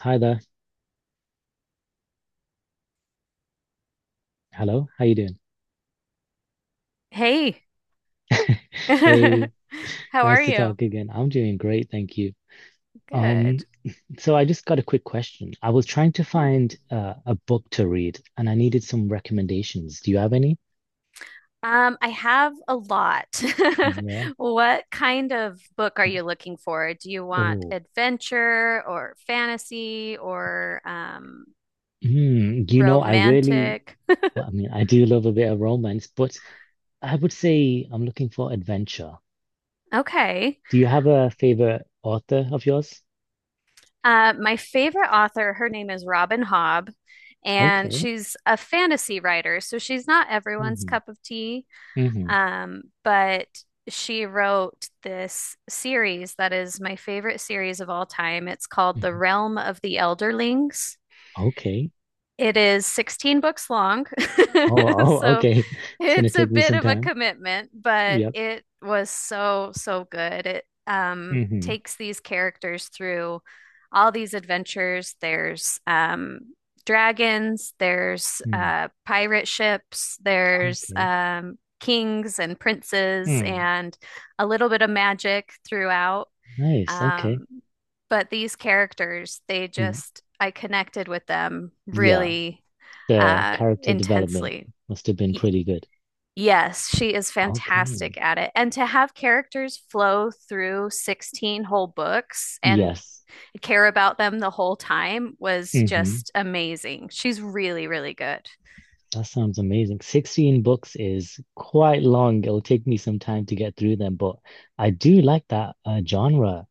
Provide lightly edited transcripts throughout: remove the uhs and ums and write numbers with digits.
Hi there. Hello. How you doing? Hey, Hey, how are nice to you? talk again. I'm doing great, thank you. Um, Good. so I just got a quick question. I was trying to Yeah. find a book to read, and I needed some recommendations. Do you have any? I have a lot. Yeah. What kind of book are you looking for? Do you want Oh. adventure or fantasy or Hmm. You know, I really, romantic? well, I mean, I do love a bit of romance, but I would say I'm looking for adventure. Okay. Do you have a favorite author of yours? My favorite author, her name is Robin Hobb, and Okay. she's a fantasy writer, so she's not everyone's Mm-hmm. cup of tea. Mm-hmm. But she wrote this series that is my favorite series of all time. It's called The Hmm. Realm of the Elderlings. Okay. It is 16 books long. Oh, oh, So okay. It's gonna it's a take me bit some of a time. commitment, but Yep. it was so, so good. It Mm-hmm. takes these characters through all these adventures. There's dragons, there's Mm. Pirate ships, there's Okay. Kings and princes, Mm. and a little bit of magic throughout. Nice. Okay. Um, but these characters, they Mm. just, I connected with them Yeah. really The uh, character development intensely. must have been pretty good. Yes, she is Okay. fantastic at it. And to have characters flow through 16 whole books and Yes. care about them the whole time was Mm-hmm. just amazing. She's really, really good. That sounds amazing. 16 books is quite long. It'll take me some time to get through them, but I do like that genre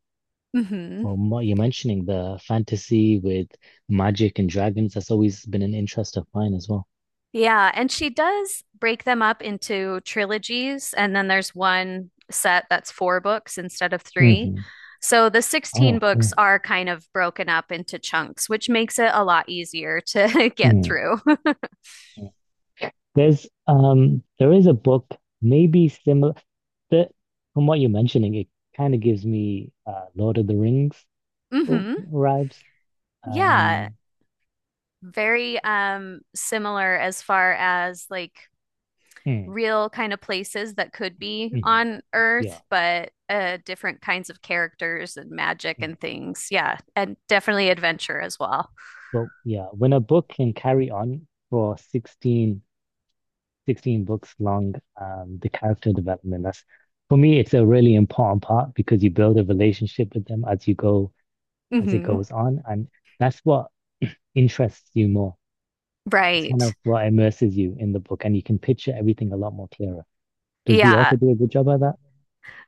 Hmm. from what you're mentioning, the fantasy with magic and dragons. That's always been an interest of mine as well. Yeah, and she does break them up into trilogies, and then there's one set that's four books instead of three. Mm-hmm. So the 16 Oh, books cool. are kind of broken up into chunks, which makes it a lot easier to get Mm. through. There is a book maybe similar that from what you're mentioning, it kind of gives me Lord of the Rings Hmm. vibes. Yeah, Um very similar as far as like mm, real kind of places that could be mhm, on yeah, Earth, but different kinds of characters and magic mm. and things. Yeah, and definitely adventure as well. But yeah, when a book can carry on for sixteen books long, the character development, that's for me it's a really important part because you build a relationship with them as you go as it Hmm. goes on, and that's what interests you more. It's kind of Right. what immerses you in the book, and you can picture everything a lot more clearer. Does the Yeah. author do a good job at that?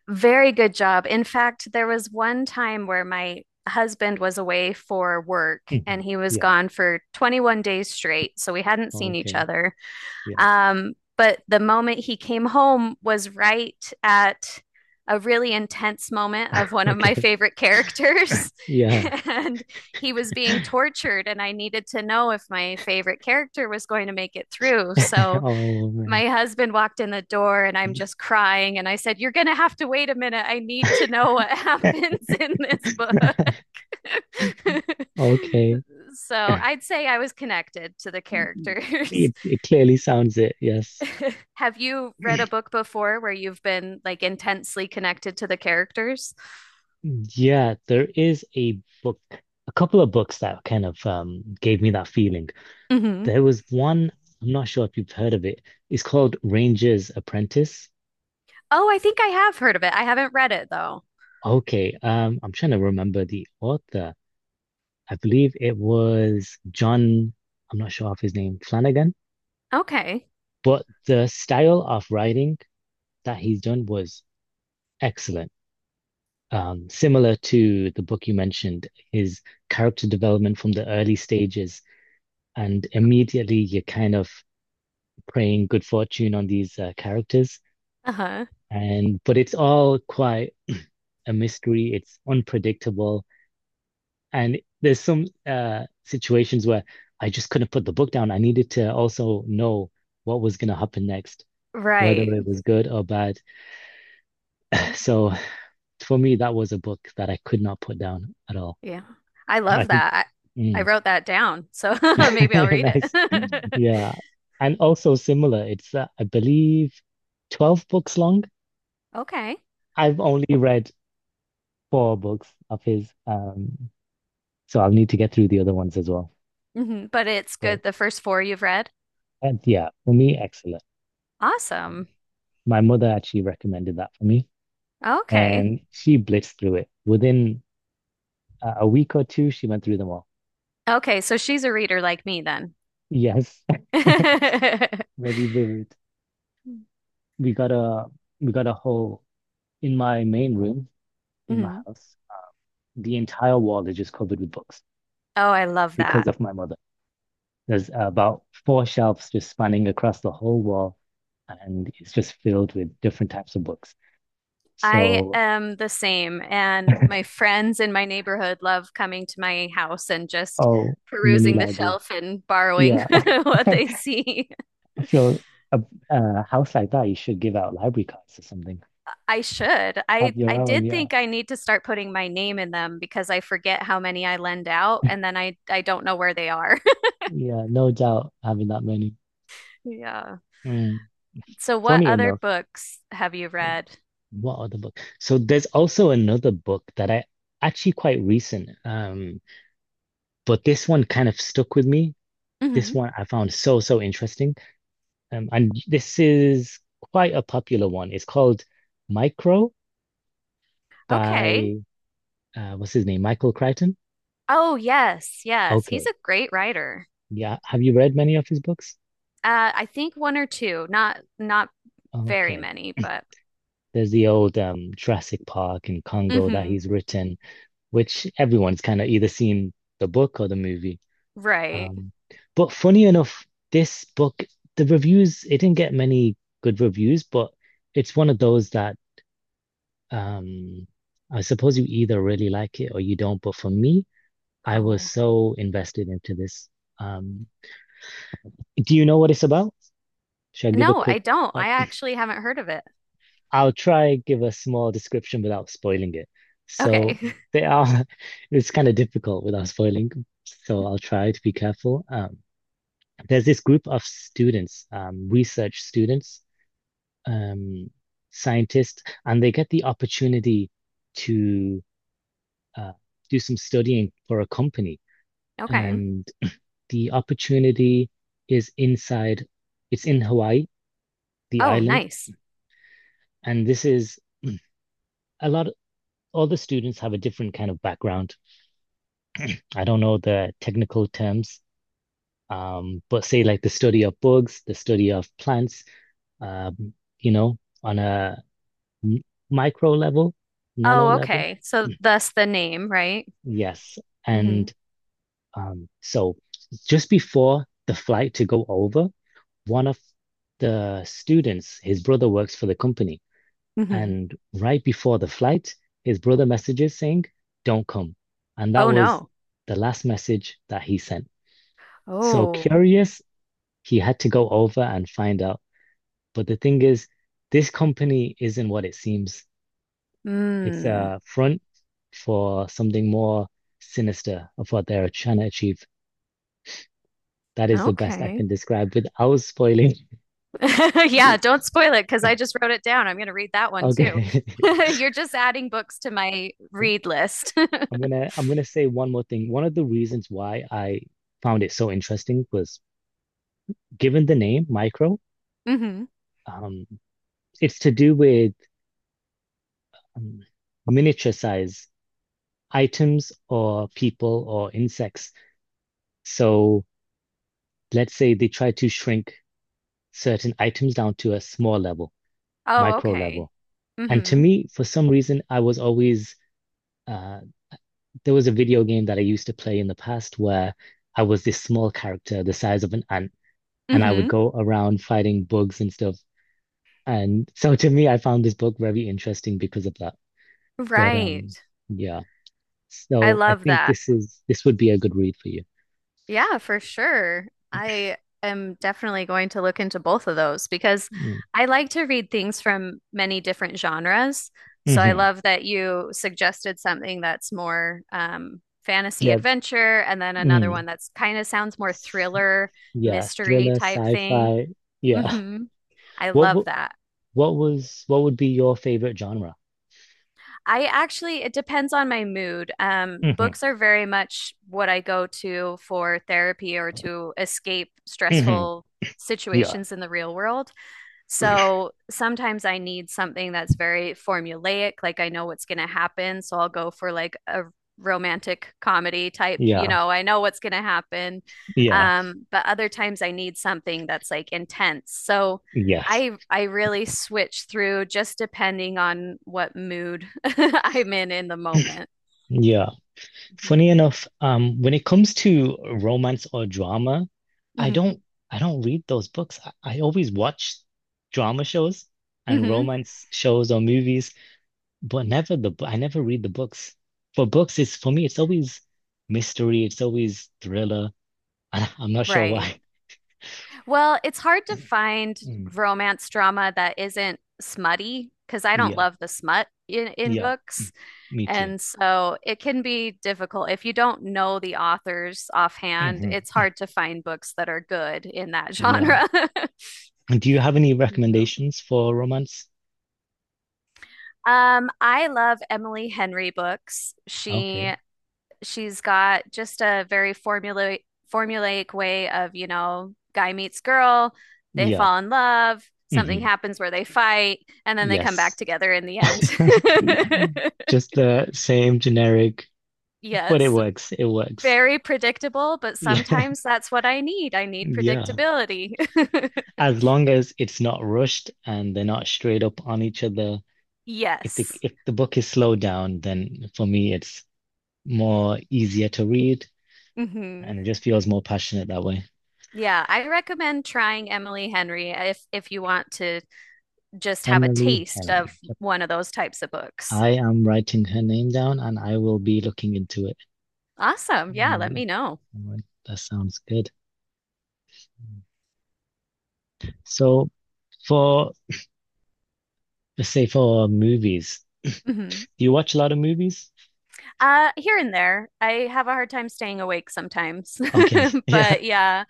Very good job. In fact, there was one time where my husband was away for work and Hmm. he was Yeah. gone for 21 days straight. So we hadn't seen each Okay. other. Yeah. But the moment he came home was right at a really intense moment of one of my Okay. favorite characters. Yeah. And he was being tortured, and I needed to know if my favorite character was going to make it through. So Oh man. my husband walked in the door and I'm just crying. And I said, "You're going to have to wait a minute. I need to know what happens in this book." Okay. So I'd say I was connected to the characters. It clearly sounds it. Yes. Have you read a book before where you've been like intensely connected to the characters? Yeah, there is a book, a couple of books that kind of gave me that feeling. Hmm. There was one, I'm not sure if you've heard of it. It's called Ranger's Apprentice. Oh, I think I have heard of it. I haven't read it though. Okay. I'm trying to remember the author. I believe it was John, I'm not sure of his name, Flanagan, Okay. but the style of writing that he's done was excellent. Similar to the book you mentioned, his character development from the early stages, and immediately you're kind of praying good fortune on these characters. Uh-huh. And but it's all quite a mystery. It's unpredictable. And there's some situations where I just couldn't put the book down. I needed to also know what was going to happen next, whether it Right. was good or bad. So for me, that was a book that I could not put down at all. Yeah. I I love think, that. I mm. wrote that down. So maybe I'll read Nice. it. Yeah. And also similar, it's, I believe, 12 books long. Okay. I've only read four books of his. So I'll need to get through the other ones as well. Hmm. But it's But good. The first four you've read? and yeah, for me, excellent. Awesome. My mother actually recommended that for me, Okay. and she blitzed through it. Within a week or two, she went through them all. Okay. So she's a reader like me then. Yes, very vivid. We got a we got a whole in my main room in my Mhm. house. The entire wall is just covered with books Oh, I love because that. of my mother. There's about four shelves just spanning across the whole wall, and it's just filled with different types of books. I So, am the same. And my friends in my neighborhood love coming to my house and just oh, mini perusing the library. shelf and borrowing Yeah. what they see. I feel a, a house like that, you should give out library cards or something. I should. Have I your I own, did yeah. think I need to start putting my name in them because I forget how many I lend out and then I don't know where they are. Yeah, no doubt having that many. Yeah. Mm. So, what Funny other enough, books have you read? what other book? So there's also another book that I actually quite recent, but this one kind of stuck with me. This Hmm. one I found so, so interesting. And this is quite a popular one. It's called Micro Okay. by, what's his name? Michael Crichton. Oh, yes, yes. He's Okay. a great writer. Yeah. Have you read many of his books? I think one or two, not very Okay. many, but There's the old Jurassic Park in Congo that hmm he's written, which everyone's kind of either seen the book or the movie. right. Um, but funny enough, this book, the reviews, it didn't get many good reviews, but it's one of those that um, I suppose you either really like it or you don't. But for me, I was Oh. so invested into this. Um, do you know what it's about? Should I give a No, quick I don't. I actually haven't heard of it. I'll try give a small description without spoiling it. So Okay. they are it's kind of difficult without spoiling. So I'll try to be careful. There's this group of students, research students, um, scientists, and they get the opportunity to uh, do some studying for a company. Okay. And the opportunity is inside, it's in Hawaii, the Oh, island, nice. and this is a lot all the students have a different kind of background. I don't know the technical terms, but say like the study of bugs, the study of plants, um, you know, on a m- micro level, nano Oh, level. okay. So thus the name, right? Yes. Hmm. And so just before the flight to go over, one of the students, his brother works for the company. Hmm. And right before the flight, his brother messages saying, don't come. And that Oh was no. the last message that he sent. So Oh. curious He had to go over and find out. But the thing is, this company isn't what it seems. It's Mm. a front for something more sinister of what they're trying to achieve. That is the best I can Okay. describe without spoiling. Yeah, don't spoil it because I just wrote it down. I'm going to read that one too. Okay. You're just adding books to my read list. I'm gonna say one more thing. One of the reasons why I found it so interesting was given the name Micro, Hmm. um, it's to do with um, miniature size items or people or insects. So let's say they try to shrink certain items down to a small level, Oh, micro okay. level. And to Hmm. me, for some reason, I was always uh, there was a video game that I used to play in the past where I was this small character, the size of an ant, and I would Hmm. go around fighting bugs and stuff. And so to me, I found this book very interesting because of that. But Right. yeah. I So I love think that. this would be a good read for you. Yeah, for sure. I am definitely going to look into both of those because Mm. I like to read things from many different genres. So I Hmm. love that you suggested something that's more fantasy Yeah. adventure and then another Mm. one that's kind of sounds more thriller, Yeah. mystery Thriller, type thing. sci-fi. Yeah. Hmm. I What love would that. what was what would be your favorite genre? I actually, it depends on my mood. Hmm. Books are very much what I go to for therapy or to escape Hmm. stressful Yeah, situations in the real world. So sometimes I need something that's very formulaic, like I know what's going to happen. So I'll go for like a romantic comedy type, you yeah, know, I know what's going to happen. yeah, But other times I need something that's like intense. So yes. I really switch through just depending on what mood I'm in the moment. Yeah. Mhm. Funny enough, when it comes to romance or drama, I Mhm. don't I don't read those books. I always watch drama shows and Mhm. romance shows or movies, but never I never read the books. For books, it's for me, it's always mystery, it's always thriller, and I'm not sure Right. why. Well, it's hard to find Mm. romance drama that isn't smutty because I don't Yeah, love the smut in yeah, books. me too. And so it can be difficult. If you don't know the authors offhand, Hmm. it's hard to find books that are good in that Yeah. genre. Do you have any Yeah. recommendations for romance? I love Emily Henry books. Okay. She's got just a very formulaic way of, you know, guy meets girl, they Yeah. fall in love, something Hmm. happens where they fight, and then they come back Yes. together in the end. Just the same generic, but it Yes, works. It works. very predictable, but Yeah. sometimes that's what I need. I need Yeah. predictability. As long as it's not rushed and they're not straight up on each other. If the Yes. if the book is slowed down, then for me it's more easier to read Hmm. and it just feels more passionate that way. Yeah, I recommend trying Emily Henry if you want to just have a Emily taste Henry. of Yep. one of those types of books. I am writing her name down and I will be looking into it. Awesome. Yeah, let Movie. me know. All right, that sounds good. So for let's say for movies, Mhm. do you watch a lot of movies? Here and there. I have a hard time staying awake sometimes. Okay, yeah. But yeah,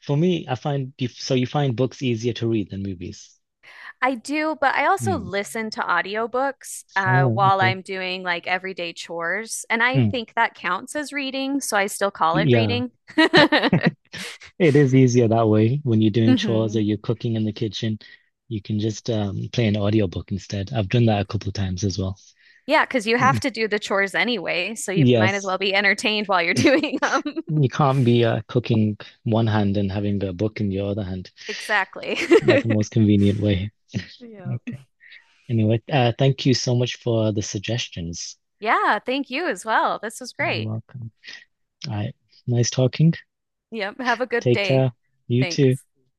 For me, I find you so you find books easier to read than movies. I do, but I also Hmm. listen to audiobooks Oh, while okay. I'm doing like everyday chores, and I Hmm. think that counts as reading, so I still call it Yeah, reading. it is easier that way when you're doing chores or Hmm. you're cooking in the kitchen. You can just play an audiobook instead. I've done that a couple of times as well. Yeah, because you have to do the chores anyway, so you might as Yes, well be entertained while you're doing them. you can't be cooking one hand and having a book in your other hand. Exactly. Not the most convenient way. Yep. Okay. Anyway, thank you so much for the suggestions. Yeah, thank you as well. This was You're great. welcome. All right. Nice talking. Yep, have a good Take day. care. You too. Thanks.